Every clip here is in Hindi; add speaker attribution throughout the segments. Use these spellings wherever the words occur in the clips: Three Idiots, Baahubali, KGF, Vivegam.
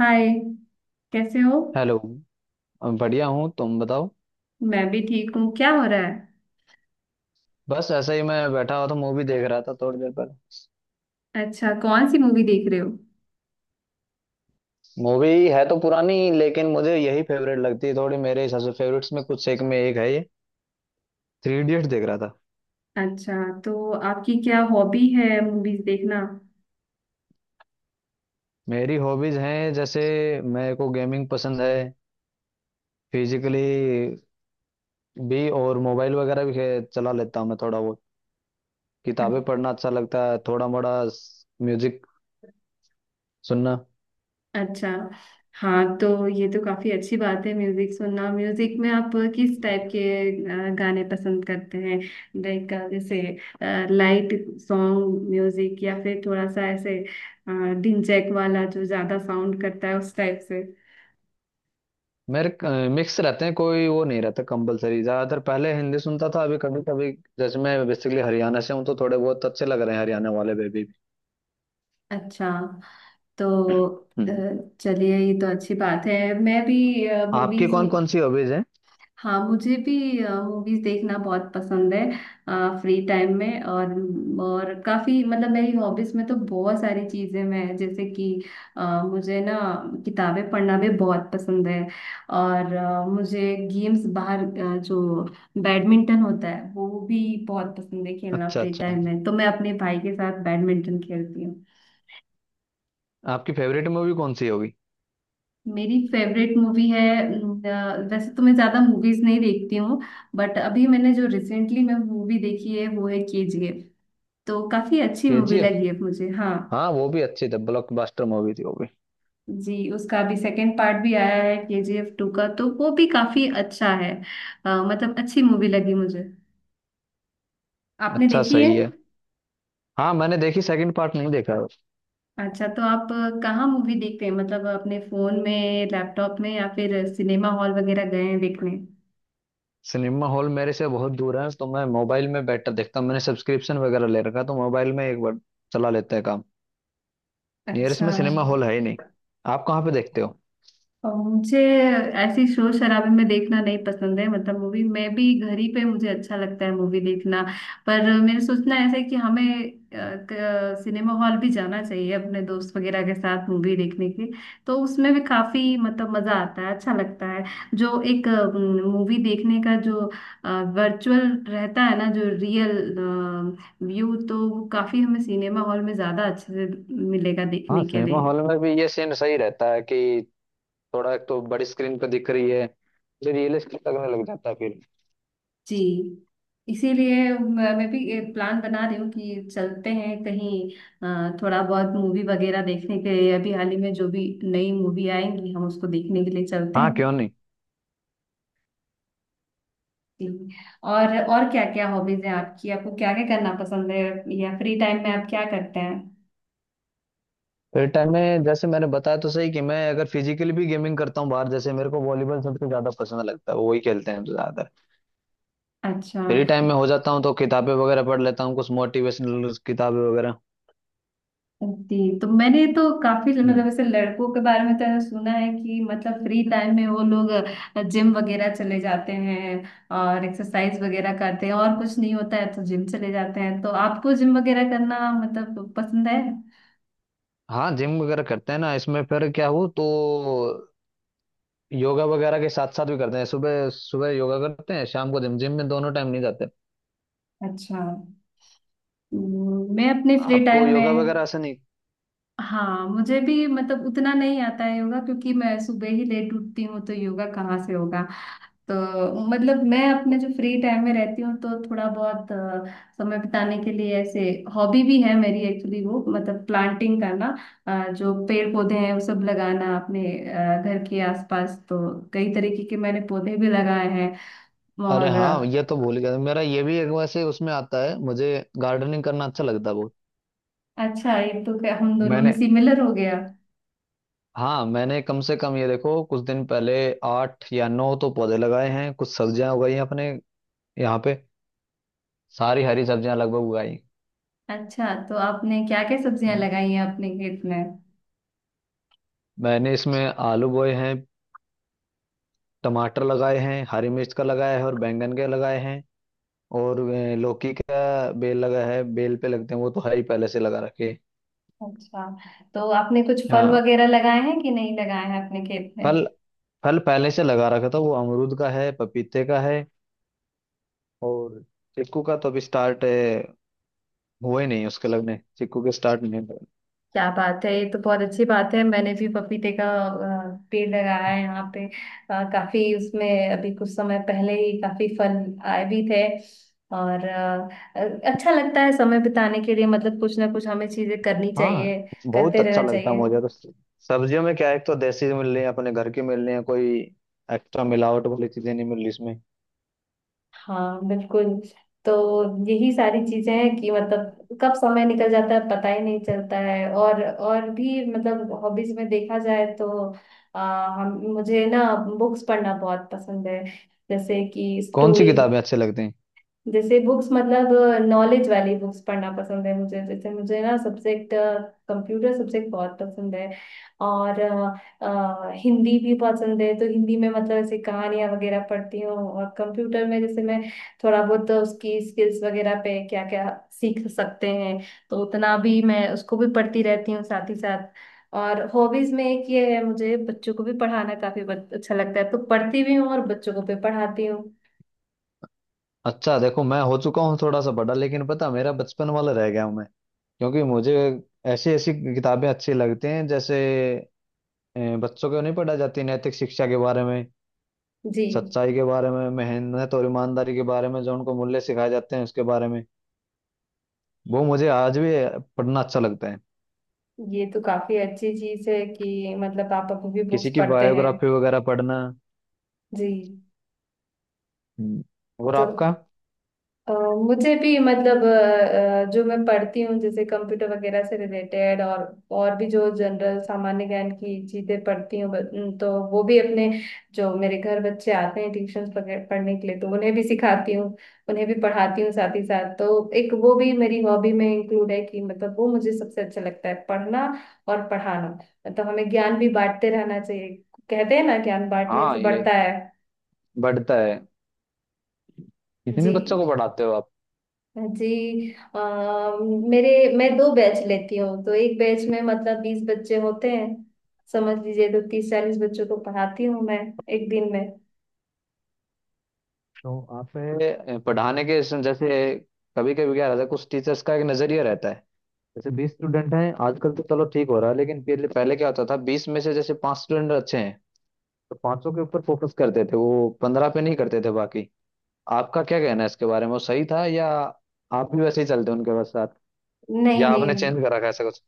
Speaker 1: हाय। कैसे हो?
Speaker 2: हेलो। बढ़िया हूँ, तुम बताओ।
Speaker 1: मैं भी ठीक हूँ। क्या हो रहा है?
Speaker 2: बस ऐसे ही मैं बैठा हुआ था, मूवी देख रहा था थोड़ी देर पहले।
Speaker 1: अच्छा, कौन सी मूवी देख रहे हो?
Speaker 2: मूवी है तो पुरानी लेकिन मुझे यही फेवरेट लगती है, थोड़ी मेरे हिसाब से फेवरेट्स में कुछ एक में एक है ये। थ्री इडियट्स देख रहा था।
Speaker 1: अच्छा, तो आपकी क्या हॉबी है, मूवीज देखना?
Speaker 2: मेरी हॉबीज हैं जैसे मेरे को गेमिंग पसंद है, फिजिकली भी और मोबाइल वगैरह भी चला लेता हूँ मैं थोड़ा बहुत। किताबें
Speaker 1: अ-
Speaker 2: पढ़ना अच्छा लगता है थोड़ा मोड़ा, म्यूजिक सुनना।
Speaker 1: अच्छा। हाँ तो ये तो काफी अच्छी बात है, म्यूजिक सुनना। म्यूजिक में आप किस टाइप के गाने पसंद करते हैं? लाइक जैसे लाइट सॉन्ग म्यूजिक, या फिर थोड़ा सा ऐसे डिंजैक वाला जो ज्यादा साउंड करता है, उस टाइप से?
Speaker 2: मेरे मिक्स रहते हैं, कोई वो नहीं रहता कंपलसरी, ज्यादातर पहले हिंदी सुनता था, अभी कभी कभी जैसे मैं बेसिकली हरियाणा से हूँ तो थोड़े बहुत अच्छे लग रहे हैं हरियाणा वाले बेबी भी।
Speaker 1: अच्छा। तो अ,
Speaker 2: हम्म।
Speaker 1: चलिए, ये तो अच्छी बात है। मैं भी
Speaker 2: आपकी
Speaker 1: मूवीज,
Speaker 2: कौन कौन सी हॉबीज हैं?
Speaker 1: हाँ, मुझे भी मूवीज देखना बहुत पसंद है फ्री टाइम में। और काफी मतलब मेरी हॉबीज में तो बहुत सारी चीजें मैं, जैसे कि मुझे ना किताबें पढ़ना भी बहुत पसंद है। और मुझे गेम्स बाहर जो बैडमिंटन होता है वो भी बहुत पसंद है खेलना
Speaker 2: अच्छा
Speaker 1: फ्री
Speaker 2: अच्छा।
Speaker 1: टाइम में। तो मैं अपने भाई के साथ बैडमिंटन खेलती हूँ।
Speaker 2: आपकी फेवरेट मूवी कौन सी होगी?
Speaker 1: मेरी फेवरेट मूवी है, वैसे तो मैं ज्यादा मूवीज नहीं देखती हूँ, बट अभी मैंने जो रिसेंटली मैं मूवी देखी है वो है केजीएफ। तो काफी अच्छी मूवी
Speaker 2: केजीएफ?
Speaker 1: लगी है मुझे, हाँ।
Speaker 2: हाँ वो भी अच्छी थी, ब्लॉकबस्टर मूवी थी वो भी।
Speaker 1: जी, उसका अभी सेकंड पार्ट भी आया है केजीएफ टू का, तो वो भी काफी अच्छा है। मतलब अच्छी मूवी लगी मुझे। आपने
Speaker 2: अच्छा
Speaker 1: देखी है?
Speaker 2: सही है। हाँ मैंने देखी, सेकंड पार्ट नहीं देखा है।
Speaker 1: अच्छा, तो आप कहाँ मूवी देखते हैं, मतलब अपने फोन में, लैपटॉप में, या फिर सिनेमा हॉल वगैरह गए हैं देखने?
Speaker 2: सिनेमा हॉल मेरे से बहुत दूर है तो मैं मोबाइल में बैठकर देखता हूँ। मैंने सब्सक्रिप्शन वगैरह ले रखा है, तो मोबाइल में एक बार चला लेते हैं काम। नियरेस्ट
Speaker 1: अच्छा।
Speaker 2: में सिनेमा हॉल है ही नहीं। आप कहाँ पे देखते हो?
Speaker 1: और मुझे ऐसी शोर शराबे में देखना नहीं पसंद है, मतलब मूवी। मैं भी घर ही पे मुझे अच्छा लगता है मूवी देखना। पर मेरे सोचना ऐसा है कि हमें सिनेमा हॉल भी जाना चाहिए अपने दोस्त वगैरह के साथ मूवी देखने के, तो उसमें भी काफी मतलब मजा आता है, अच्छा लगता है। जो एक मूवी देखने का जो वर्चुअल रहता है ना, जो रियल व्यू, तो वो काफी हमें सिनेमा हॉल में ज्यादा अच्छे से मिलेगा
Speaker 2: हाँ
Speaker 1: देखने के
Speaker 2: सिनेमा
Speaker 1: लिए।
Speaker 2: हॉल में भी ये सीन सही रहता है कि थोड़ा, एक तो बड़ी स्क्रीन पे दिख रही है, फिर रियलिस्टिक लगने लग जाता है फिर।
Speaker 1: जी, इसीलिए मैं भी एक प्लान बना रही हूँ कि चलते हैं कहीं थोड़ा बहुत मूवी वगैरह देखने के लिए। अभी हाल ही में जो भी नई मूवी आएंगी हम उसको देखने के लिए चलते
Speaker 2: हाँ क्यों
Speaker 1: हैं।
Speaker 2: नहीं।
Speaker 1: जी। और क्या क्या हॉबीज हैं आपकी? आपको क्या क्या करना पसंद है, या फ्री टाइम में आप क्या करते हैं?
Speaker 2: फिर टाइम में जैसे मैंने बताया तो सही, कि मैं अगर फिजिकली भी गेमिंग करता हूँ बाहर, जैसे मेरे को वॉलीबॉल सबसे ज्यादा पसंद लगता है, वो वही खेलते हैं ज्यादातर।
Speaker 1: अच्छा।
Speaker 2: फ्री टाइम में हो जाता हूँ तो किताबें वगैरह पढ़ लेता हूँ, कुछ मोटिवेशनल किताबें वगैरह।
Speaker 1: जी, तो मैंने तो काफी
Speaker 2: हम्म।
Speaker 1: मतलब ऐसे लड़कों के बारे में तो ऐसा सुना है कि मतलब फ्री टाइम में वो लोग जिम वगैरह चले जाते हैं और एक्सरसाइज वगैरह करते हैं, और कुछ नहीं होता है तो जिम चले जाते हैं। तो आपको जिम वगैरह करना मतलब पसंद है?
Speaker 2: हाँ जिम वगैरह करते हैं ना, इसमें फिर क्या हो, तो योगा वगैरह के साथ साथ भी करते हैं। सुबह सुबह योगा करते हैं, शाम को जिम, जिम में दोनों टाइम नहीं जाते।
Speaker 1: अच्छा। मैं अपने फ्री
Speaker 2: आपको
Speaker 1: टाइम
Speaker 2: योगा
Speaker 1: में,
Speaker 2: वगैरह ऐसे नहीं?
Speaker 1: हाँ मुझे भी, मतलब उतना नहीं आता है योगा, क्योंकि मैं सुबह ही लेट उठती हूँ तो योगा कहाँ से होगा। तो मतलब मैं अपने जो फ्री टाइम में रहती हूँ, तो थोड़ा बहुत समय बिताने के लिए, ऐसे हॉबी भी है मेरी एक्चुअली, वो मतलब प्लांटिंग करना, जो पेड़ पौधे हैं वो सब लगाना अपने घर के आसपास। तो कई तरीके के मैंने पौधे भी लगाए हैं।
Speaker 2: अरे
Speaker 1: और
Speaker 2: हाँ ये तो भूल गया, मेरा ये भी एक वैसे उसमें आता है, मुझे गार्डनिंग करना अच्छा लगता है बहुत।
Speaker 1: अच्छा, ये तो क्या हम दोनों में
Speaker 2: मैंने
Speaker 1: सिमिलर हो गया।
Speaker 2: हाँ, मैंने कम से कम ये देखो, कुछ दिन पहले आठ या नौ तो पौधे लगाए हैं, कुछ सब्जियां उगाई हैं अपने यहाँ पे, सारी हरी सब्जियां लगभग उगाई हैं।
Speaker 1: अच्छा, तो आपने क्या क्या सब्जियां
Speaker 2: हाँ,
Speaker 1: लगाई हैं अपने खेत में?
Speaker 2: मैंने इसमें आलू बोए हैं, टमाटर लगाए हैं, हरी मिर्च का लगाया है और बैंगन के लगाए हैं, और लौकी का बेल लगा है, बेल पे लगते हैं वो तो है ही पहले से लगा रखे।
Speaker 1: अच्छा, तो आपने कुछ फल
Speaker 2: हाँ।
Speaker 1: वगैरह लगाए हैं कि नहीं लगाए हैं अपने खेत में?
Speaker 2: फल। फल पहले से लगा रखा था, वो अमरूद का है, पपीते का है, और चिक्कू का तो अभी स्टार्ट हुए नहीं उसके लगने, चिक्कू के स्टार्ट नहीं हुए।
Speaker 1: क्या बात है, ये तो बहुत अच्छी बात है। मैंने भी पपीते का पेड़ लगाया है यहाँ पे। काफी उसमें अभी कुछ समय पहले ही काफी फल आए भी थे। और अच्छा लगता है समय बिताने के लिए, मतलब कुछ ना कुछ हमें चीजें करनी
Speaker 2: हाँ
Speaker 1: चाहिए,
Speaker 2: बहुत
Speaker 1: करते
Speaker 2: अच्छा
Speaker 1: रहना
Speaker 2: लगता है
Speaker 1: चाहिए।
Speaker 2: मुझे तो। सब्जियों में क्या है, एक तो देसी मिल रही है, अपने घर की मिल रही है, कोई एक्स्ट्रा मिलावट वाली चीजें नहीं मिल रही इसमें।
Speaker 1: हाँ, बिल्कुल। तो यही सारी चीजें हैं कि मतलब कब समय निकल जाता है पता ही नहीं चलता है। और भी मतलब हॉबीज में देखा जाए तो आ, हम मुझे ना बुक्स पढ़ना बहुत पसंद है, जैसे कि
Speaker 2: कौन सी
Speaker 1: स्टोरी
Speaker 2: किताबें अच्छी लगती हैं?
Speaker 1: जैसे बुक्स। मतलब नॉलेज वाली बुक्स पढ़ना पसंद है मुझे, जैसे मुझे ना सब्जेक्ट कंप्यूटर सब्जेक्ट बहुत पसंद है। और हिंदी भी पसंद है, तो हिंदी में मतलब ऐसे कहानियाँ वगैरह पढ़ती हूँ। और कंप्यूटर में जैसे मैं थोड़ा बहुत उसकी स्किल्स वगैरह पे क्या क्या सीख सकते हैं, तो उतना भी मैं उसको भी पढ़ती रहती हूँ साथ ही साथ। और हॉबीज में एक ये है, मुझे बच्चों को भी पढ़ाना काफी अच्छा लगता है, तो पढ़ती भी हूँ और बच्चों को भी पढ़ाती हूँ।
Speaker 2: अच्छा देखो, मैं हो चुका हूँ थोड़ा सा बड़ा, लेकिन पता है, मेरा बचपन वाला रह गया हूँ मैं। क्योंकि मुझे ऐसी ऐसी किताबें अच्छी लगती हैं जैसे बच्चों को नहीं पढ़ा जाती नैतिक शिक्षा के बारे में,
Speaker 1: जी,
Speaker 2: सच्चाई के बारे में, मेहनत और ईमानदारी के बारे में, जो उनको मूल्य सिखाए जाते हैं उसके बारे में। वो मुझे आज भी पढ़ना अच्छा लगता है,
Speaker 1: ये तो काफी अच्छी चीज है कि मतलब आप अभी भी बुक्स
Speaker 2: किसी की
Speaker 1: पढ़ते हैं।
Speaker 2: बायोग्राफी वगैरह पढ़ना।
Speaker 1: जी,
Speaker 2: हम्म, और
Speaker 1: तो
Speaker 2: आपका?
Speaker 1: अ, मुझे भी मतलब जो मैं पढ़ती हूँ जैसे कंप्यूटर वगैरह से रिलेटेड, और भी जो जनरल सामान्य ज्ञान की चीजें पढ़ती हूँ, ब- न, तो वो भी अपने जो मेरे घर बच्चे आते हैं ट्यूशन पढ़ने के लिए, तो उन्हें भी सिखाती हूँ, उन्हें भी पढ़ाती हूँ साथ ही साथ। तो एक वो भी मेरी हॉबी में इंक्लूड है कि मतलब वो मुझे सबसे अच्छा लगता है, पढ़ना और पढ़ाना। मतलब हमें ज्ञान भी बांटते रहना चाहिए, कहते हैं ना ज्ञान बांटने से
Speaker 2: हाँ, ये
Speaker 1: बढ़ता है।
Speaker 2: बढ़ता है। कितने
Speaker 1: जी।
Speaker 2: बच्चों को पढ़ाते हो आप?
Speaker 1: जी। अ, मेरे मैं दो बैच लेती हूँ, तो एक बैच में मतलब 20 बच्चे होते हैं समझ लीजिए। तो 30 40 बच्चों को पढ़ाती हूँ मैं एक दिन में।
Speaker 2: तो आप पढ़ाने के इसमें जैसे, कभी कभी क्या रहता है कुछ टीचर्स का एक नजरिया रहता है, जैसे 20 स्टूडेंट हैं आजकल तो चलो ठीक हो रहा है, लेकिन पहले पहले क्या होता था, 20 में से जैसे पांच स्टूडेंट अच्छे हैं तो पांचों के ऊपर फोकस करते थे, वो 15 पे नहीं करते थे बाकी। आपका क्या कहना है इसके बारे में, वो सही था, या आप भी वैसे ही चलते उनके बस साथ,
Speaker 1: नहीं,
Speaker 2: या
Speaker 1: नहीं,
Speaker 2: आपने चेंज करा रखा है ऐसा कुछ?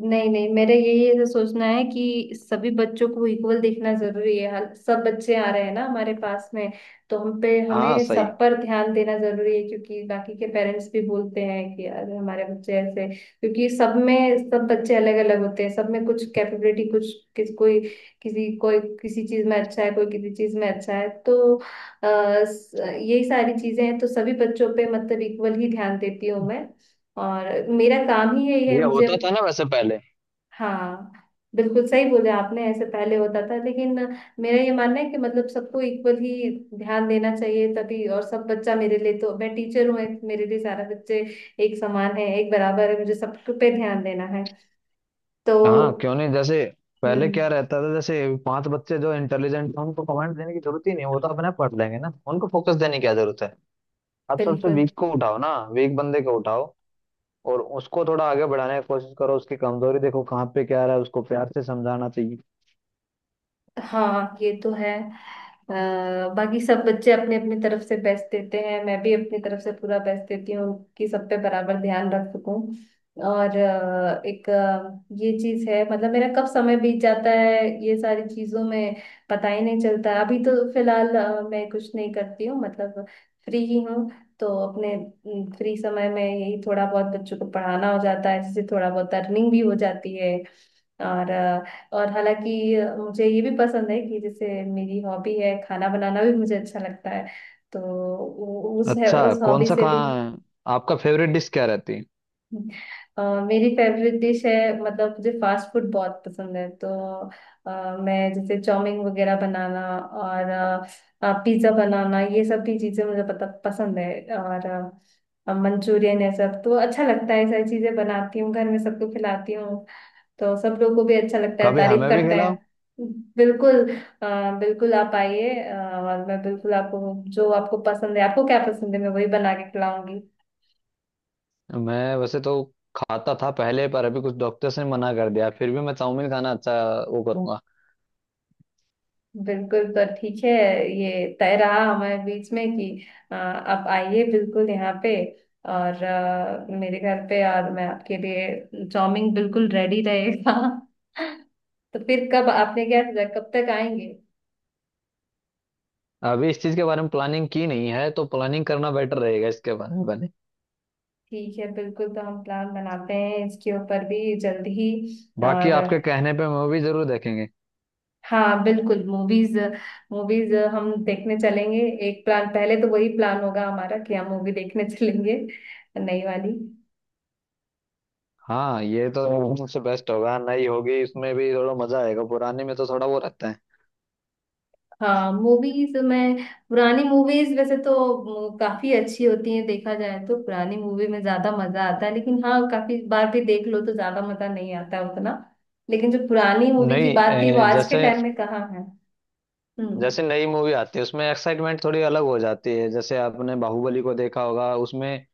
Speaker 1: नहीं, नहीं, मेरे यही ऐसा सोचना है कि सभी बच्चों को इक्वल देखना जरूरी है, सब बच्चे आ रहे हैं ना हमारे पास में। तो हम पे
Speaker 2: हाँ
Speaker 1: हमें सब
Speaker 2: सही।
Speaker 1: पर ध्यान देना जरूरी है, क्योंकि बाकी के पेरेंट्स भी बोलते हैं कि यार हमारे बच्चे ऐसे, क्योंकि सब में सब बच्चे अलग अलग होते हैं। सब में कुछ कैपेबिलिटी, कुछ किस कोई किसी चीज में अच्छा है, कोई किसी चीज में अच्छा है। तो यही सारी चीजें हैं, तो सभी बच्चों पे मतलब इक्वल ही ध्यान देती हूँ मैं, और मेरा काम ही यही है
Speaker 2: ये
Speaker 1: मुझे।
Speaker 2: होता था ना वैसे पहले।
Speaker 1: हाँ, बिल्कुल सही बोले आपने, ऐसे पहले होता था, लेकिन मेरा ये मानना है कि मतलब सबको इक्वल ही ध्यान देना चाहिए तभी। और सब बच्चा मेरे लिए, तो मैं टीचर हूँ, मेरे लिए सारा बच्चे एक समान है, एक बराबर है, मुझे सब पे ध्यान देना है। तो
Speaker 2: हाँ क्यों नहीं। जैसे पहले
Speaker 1: हम्म,
Speaker 2: क्या रहता था, जैसे पांच बच्चे जो इंटेलिजेंट थे उनको कमेंट देने की जरूरत ही नहीं, वो तो अपने पढ़ लेंगे ना, उनको फोकस देने की क्या जरूरत है। आप सबसे
Speaker 1: बिल्कुल।
Speaker 2: वीक को उठाओ ना, वीक बंदे को उठाओ और उसको थोड़ा आगे बढ़ाने की कोशिश करो, उसकी कमजोरी देखो कहाँ पे क्या रहा है, उसको प्यार से समझाना चाहिए।
Speaker 1: हाँ, ये तो है। बाकी सब बच्चे अपने अपनी तरफ से बेस्ट देते हैं, मैं भी अपनी तरफ से पूरा बेस्ट देती हूँ कि सब पे बराबर ध्यान रख सकूं। और एक ये चीज है, मतलब मेरा कब समय बीत जाता है ये सारी चीजों में पता ही नहीं चलता। अभी तो फिलहाल मैं कुछ नहीं करती हूँ, मतलब फ्री ही हूँ। तो अपने फ्री समय में यही थोड़ा बहुत बच्चों को पढ़ाना हो जाता है, जिससे थोड़ा बहुत अर्निंग भी हो जाती है। और हालांकि मुझे ये भी पसंद है कि जैसे मेरी हॉबी है, खाना बनाना भी मुझे अच्छा लगता है। तो
Speaker 2: अच्छा
Speaker 1: उस
Speaker 2: कौन
Speaker 1: हॉबी
Speaker 2: सा,
Speaker 1: से भी
Speaker 2: कहाँ, आपका फेवरेट डिश क्या रहती है?
Speaker 1: अ, मेरी फेवरेट डिश है, मतलब मुझे फास्ट फूड बहुत पसंद है। तो मैं जैसे चाउमीन वगैरह बनाना और पिज्ज़ा बनाना, ये सब भी चीज़ें मुझे पता पसंद है, और मंचूरियन है सब, तो अच्छा लगता है। सारी चीज़ें बनाती हूँ घर में, सबको खिलाती हूँ, तो सब लोग को भी अच्छा लगता है,
Speaker 2: कभी
Speaker 1: तारीफ
Speaker 2: हमें भी
Speaker 1: करते
Speaker 2: खिलाओ।
Speaker 1: हैं। बिल्कुल, बिल्कुल, आप आइए। और मैं बिल्कुल आपको, जो आपको पसंद है, आपको क्या पसंद है, मैं वही बना के खिलाऊंगी।
Speaker 2: मैं वैसे तो खाता था पहले, पर अभी कुछ डॉक्टर्स ने मना कर दिया, फिर भी मैं चाउमीन खाना अच्छा वो करूंगा।
Speaker 1: बिल्कुल, तो ठीक है, ये तय रहा हमारे बीच में कि आप आइए बिल्कुल यहाँ पे, और मेरे घर पे, और मैं आपके लिए चाउमीन बिल्कुल रेडी रहेगा। तो फिर कब आपने क्या सोचा, कब तक आएंगे?
Speaker 2: अभी इस चीज के बारे में प्लानिंग की नहीं है, तो प्लानिंग करना बेटर रहेगा इसके बारे में बने।
Speaker 1: ठीक है, बिल्कुल, तो हम प्लान बनाते हैं इसके ऊपर भी जल्द ही।
Speaker 2: बाकी
Speaker 1: और
Speaker 2: आपके कहने पे मूवी जरूर देखेंगे।
Speaker 1: हाँ, बिल्कुल, मूवीज, मूवीज हम देखने चलेंगे। एक प्लान, पहले तो वही प्लान होगा हमारा कि हम मूवी देखने चलेंगे, नई वाली।
Speaker 2: हाँ ये तो मुझसे बेस्ट होगा, नई होगी इसमें भी थोड़ा मजा आएगा, पुराने में तो थोड़ा वो रहता है।
Speaker 1: हाँ, मूवीज में पुरानी मूवीज वैसे तो काफी अच्छी होती हैं, देखा जाए तो पुरानी मूवी में ज्यादा मजा आता है, लेकिन हाँ काफी बार भी देख लो तो ज्यादा मजा नहीं आता है उतना। लेकिन जो पुरानी मूवी की
Speaker 2: नहीं
Speaker 1: बात थी वो आज के
Speaker 2: जैसे,
Speaker 1: टाइम में कहाँ है? हम्म,
Speaker 2: जैसे नई मूवी आती है उसमें एक्साइटमेंट थोड़ी अलग हो जाती है, जैसे आपने बाहुबली को देखा होगा, उसमें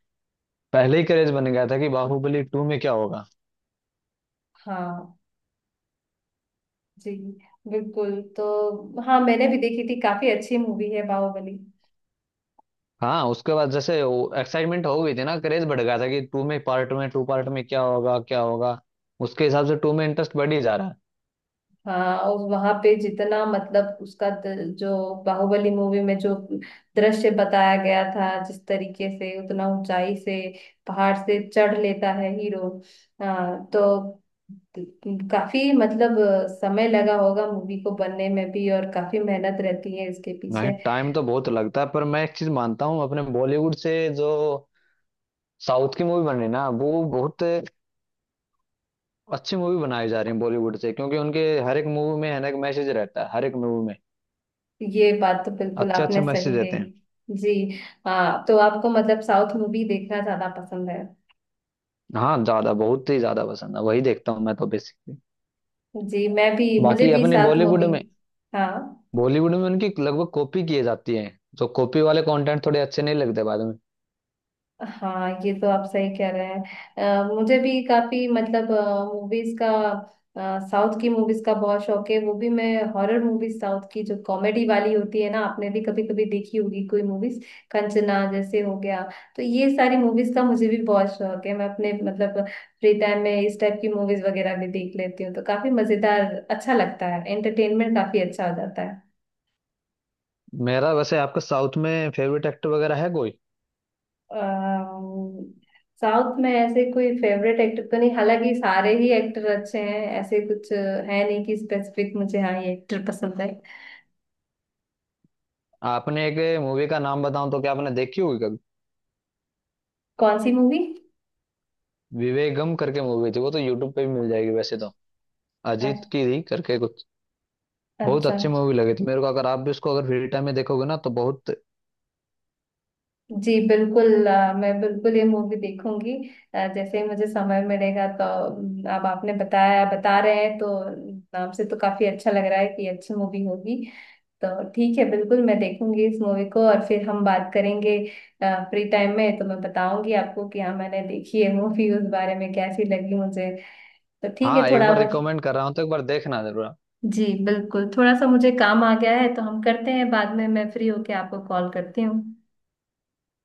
Speaker 2: पहले ही क्रेज बन गया था कि बाहुबली टू में क्या होगा।
Speaker 1: हाँ। जी, बिल्कुल, तो हाँ मैंने भी देखी थी, काफी अच्छी मूवी है बाहुबली।
Speaker 2: हाँ उसके बाद जैसे एक्साइटमेंट हो गई थी ना, क्रेज बढ़ गया था कि टू में पार्ट में, टू पार्ट में क्या होगा क्या होगा, उसके हिसाब से टू में इंटरेस्ट बढ़ ही जा रहा है।
Speaker 1: हाँ, और वहां पे जितना मतलब उसका जो बाहुबली मूवी में जो दृश्य बताया गया था जिस तरीके से, उतना ऊंचाई से पहाड़ से चढ़ लेता है हीरो। हाँ, तो काफी मतलब समय लगा होगा मूवी को बनने में भी, और काफी मेहनत रहती है इसके पीछे।
Speaker 2: नहीं टाइम तो बहुत लगता है, पर मैं एक चीज मानता हूँ, अपने बॉलीवुड से जो साउथ की मूवी बन रही है ना, वो बहुत अच्छी मूवी बनाई जा रही है बॉलीवुड से, क्योंकि उनके हर एक मूवी में हर एक मैसेज रहता है हर एक मूवी में,
Speaker 1: ये बात तो बिल्कुल
Speaker 2: अच्छे अच्छे
Speaker 1: आपने सही
Speaker 2: मैसेज देते
Speaker 1: कही।
Speaker 2: हैं।
Speaker 1: जी। हाँ, तो आपको मतलब साउथ मूवी देखना ज्यादा पसंद है?
Speaker 2: हाँ ज्यादा, बहुत ही ज्यादा पसंद है, वही देखता हूँ मैं तो बेसिकली।
Speaker 1: जी, मैं भी, मुझे
Speaker 2: बाकी
Speaker 1: भी
Speaker 2: अपने
Speaker 1: साउथ
Speaker 2: बॉलीवुड
Speaker 1: मूवी,
Speaker 2: में,
Speaker 1: हाँ।
Speaker 2: बॉलीवुड में उनकी लगभग कॉपी किए जाती हैं, जो कॉपी वाले कंटेंट थोड़े अच्छे नहीं लगते बाद में।
Speaker 1: हाँ, ये तो आप सही कह रहे हैं। मुझे भी काफी मतलब मूवीज का, साउथ की मूवीज का बहुत शौक है। वो भी मैं हॉरर मूवीज साउथ की जो कॉमेडी वाली होती है ना, आपने भी कभी कभी देखी होगी कोई मूवीज, कंचना जैसे हो गया। तो ये सारी मूवीज का मुझे भी बहुत शौक है। मैं अपने मतलब फ्री टाइम में इस टाइप की मूवीज वगैरह भी देख लेती हूँ, तो काफी मजेदार, अच्छा लगता है, एंटरटेनमेंट काफी अच्छा हो जाता है।
Speaker 2: मेरा वैसे आपका साउथ में फेवरेट एक्टर वगैरह है कोई?
Speaker 1: साउथ में ऐसे कोई फेवरेट एक्टर तो नहीं, हालांकि सारे ही एक्टर अच्छे हैं, ऐसे कुछ है नहीं कि स्पेसिफिक मुझे हाँ ये एक्टर पसंद है।
Speaker 2: आपने एक मूवी का नाम बताऊं तो क्या आपने देखी होगी कभी?
Speaker 1: कौन सी मूवी?
Speaker 2: विवेगम करके मूवी थी, वो तो यूट्यूब पे भी मिल जाएगी वैसे तो, अजीत की थी करके कुछ। बहुत
Speaker 1: अच्छा।
Speaker 2: अच्छी मूवी लगी थी मेरे को, अगर आप भी उसको अगर फ्री टाइम में देखोगे ना तो बहुत।
Speaker 1: जी, बिल्कुल, मैं बिल्कुल ये मूवी देखूंगी। जैसे ही मुझे समय मिलेगा, तो अब आपने बता रहे हैं, तो नाम से तो काफी अच्छा लग रहा है कि अच्छी मूवी होगी। तो ठीक है, बिल्कुल मैं देखूंगी इस मूवी को, और फिर हम बात करेंगे फ्री टाइम में, तो मैं बताऊंगी आपको कि हाँ मैंने देखी है मूवी, उस बारे में कैसी लगी मुझे। तो ठीक है,
Speaker 2: हाँ एक
Speaker 1: थोड़ा
Speaker 2: बार
Speaker 1: बहुत।
Speaker 2: रिकमेंड कर रहा हूँ तो एक बार देखना जरूर आप।
Speaker 1: जी, बिल्कुल, थोड़ा सा मुझे काम आ गया है, तो हम करते हैं बाद में, मैं फ्री होके आपको कॉल करती हूँ।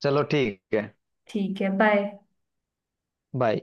Speaker 2: चलो ठीक है।
Speaker 1: ठीक है, बाय।
Speaker 2: बाय।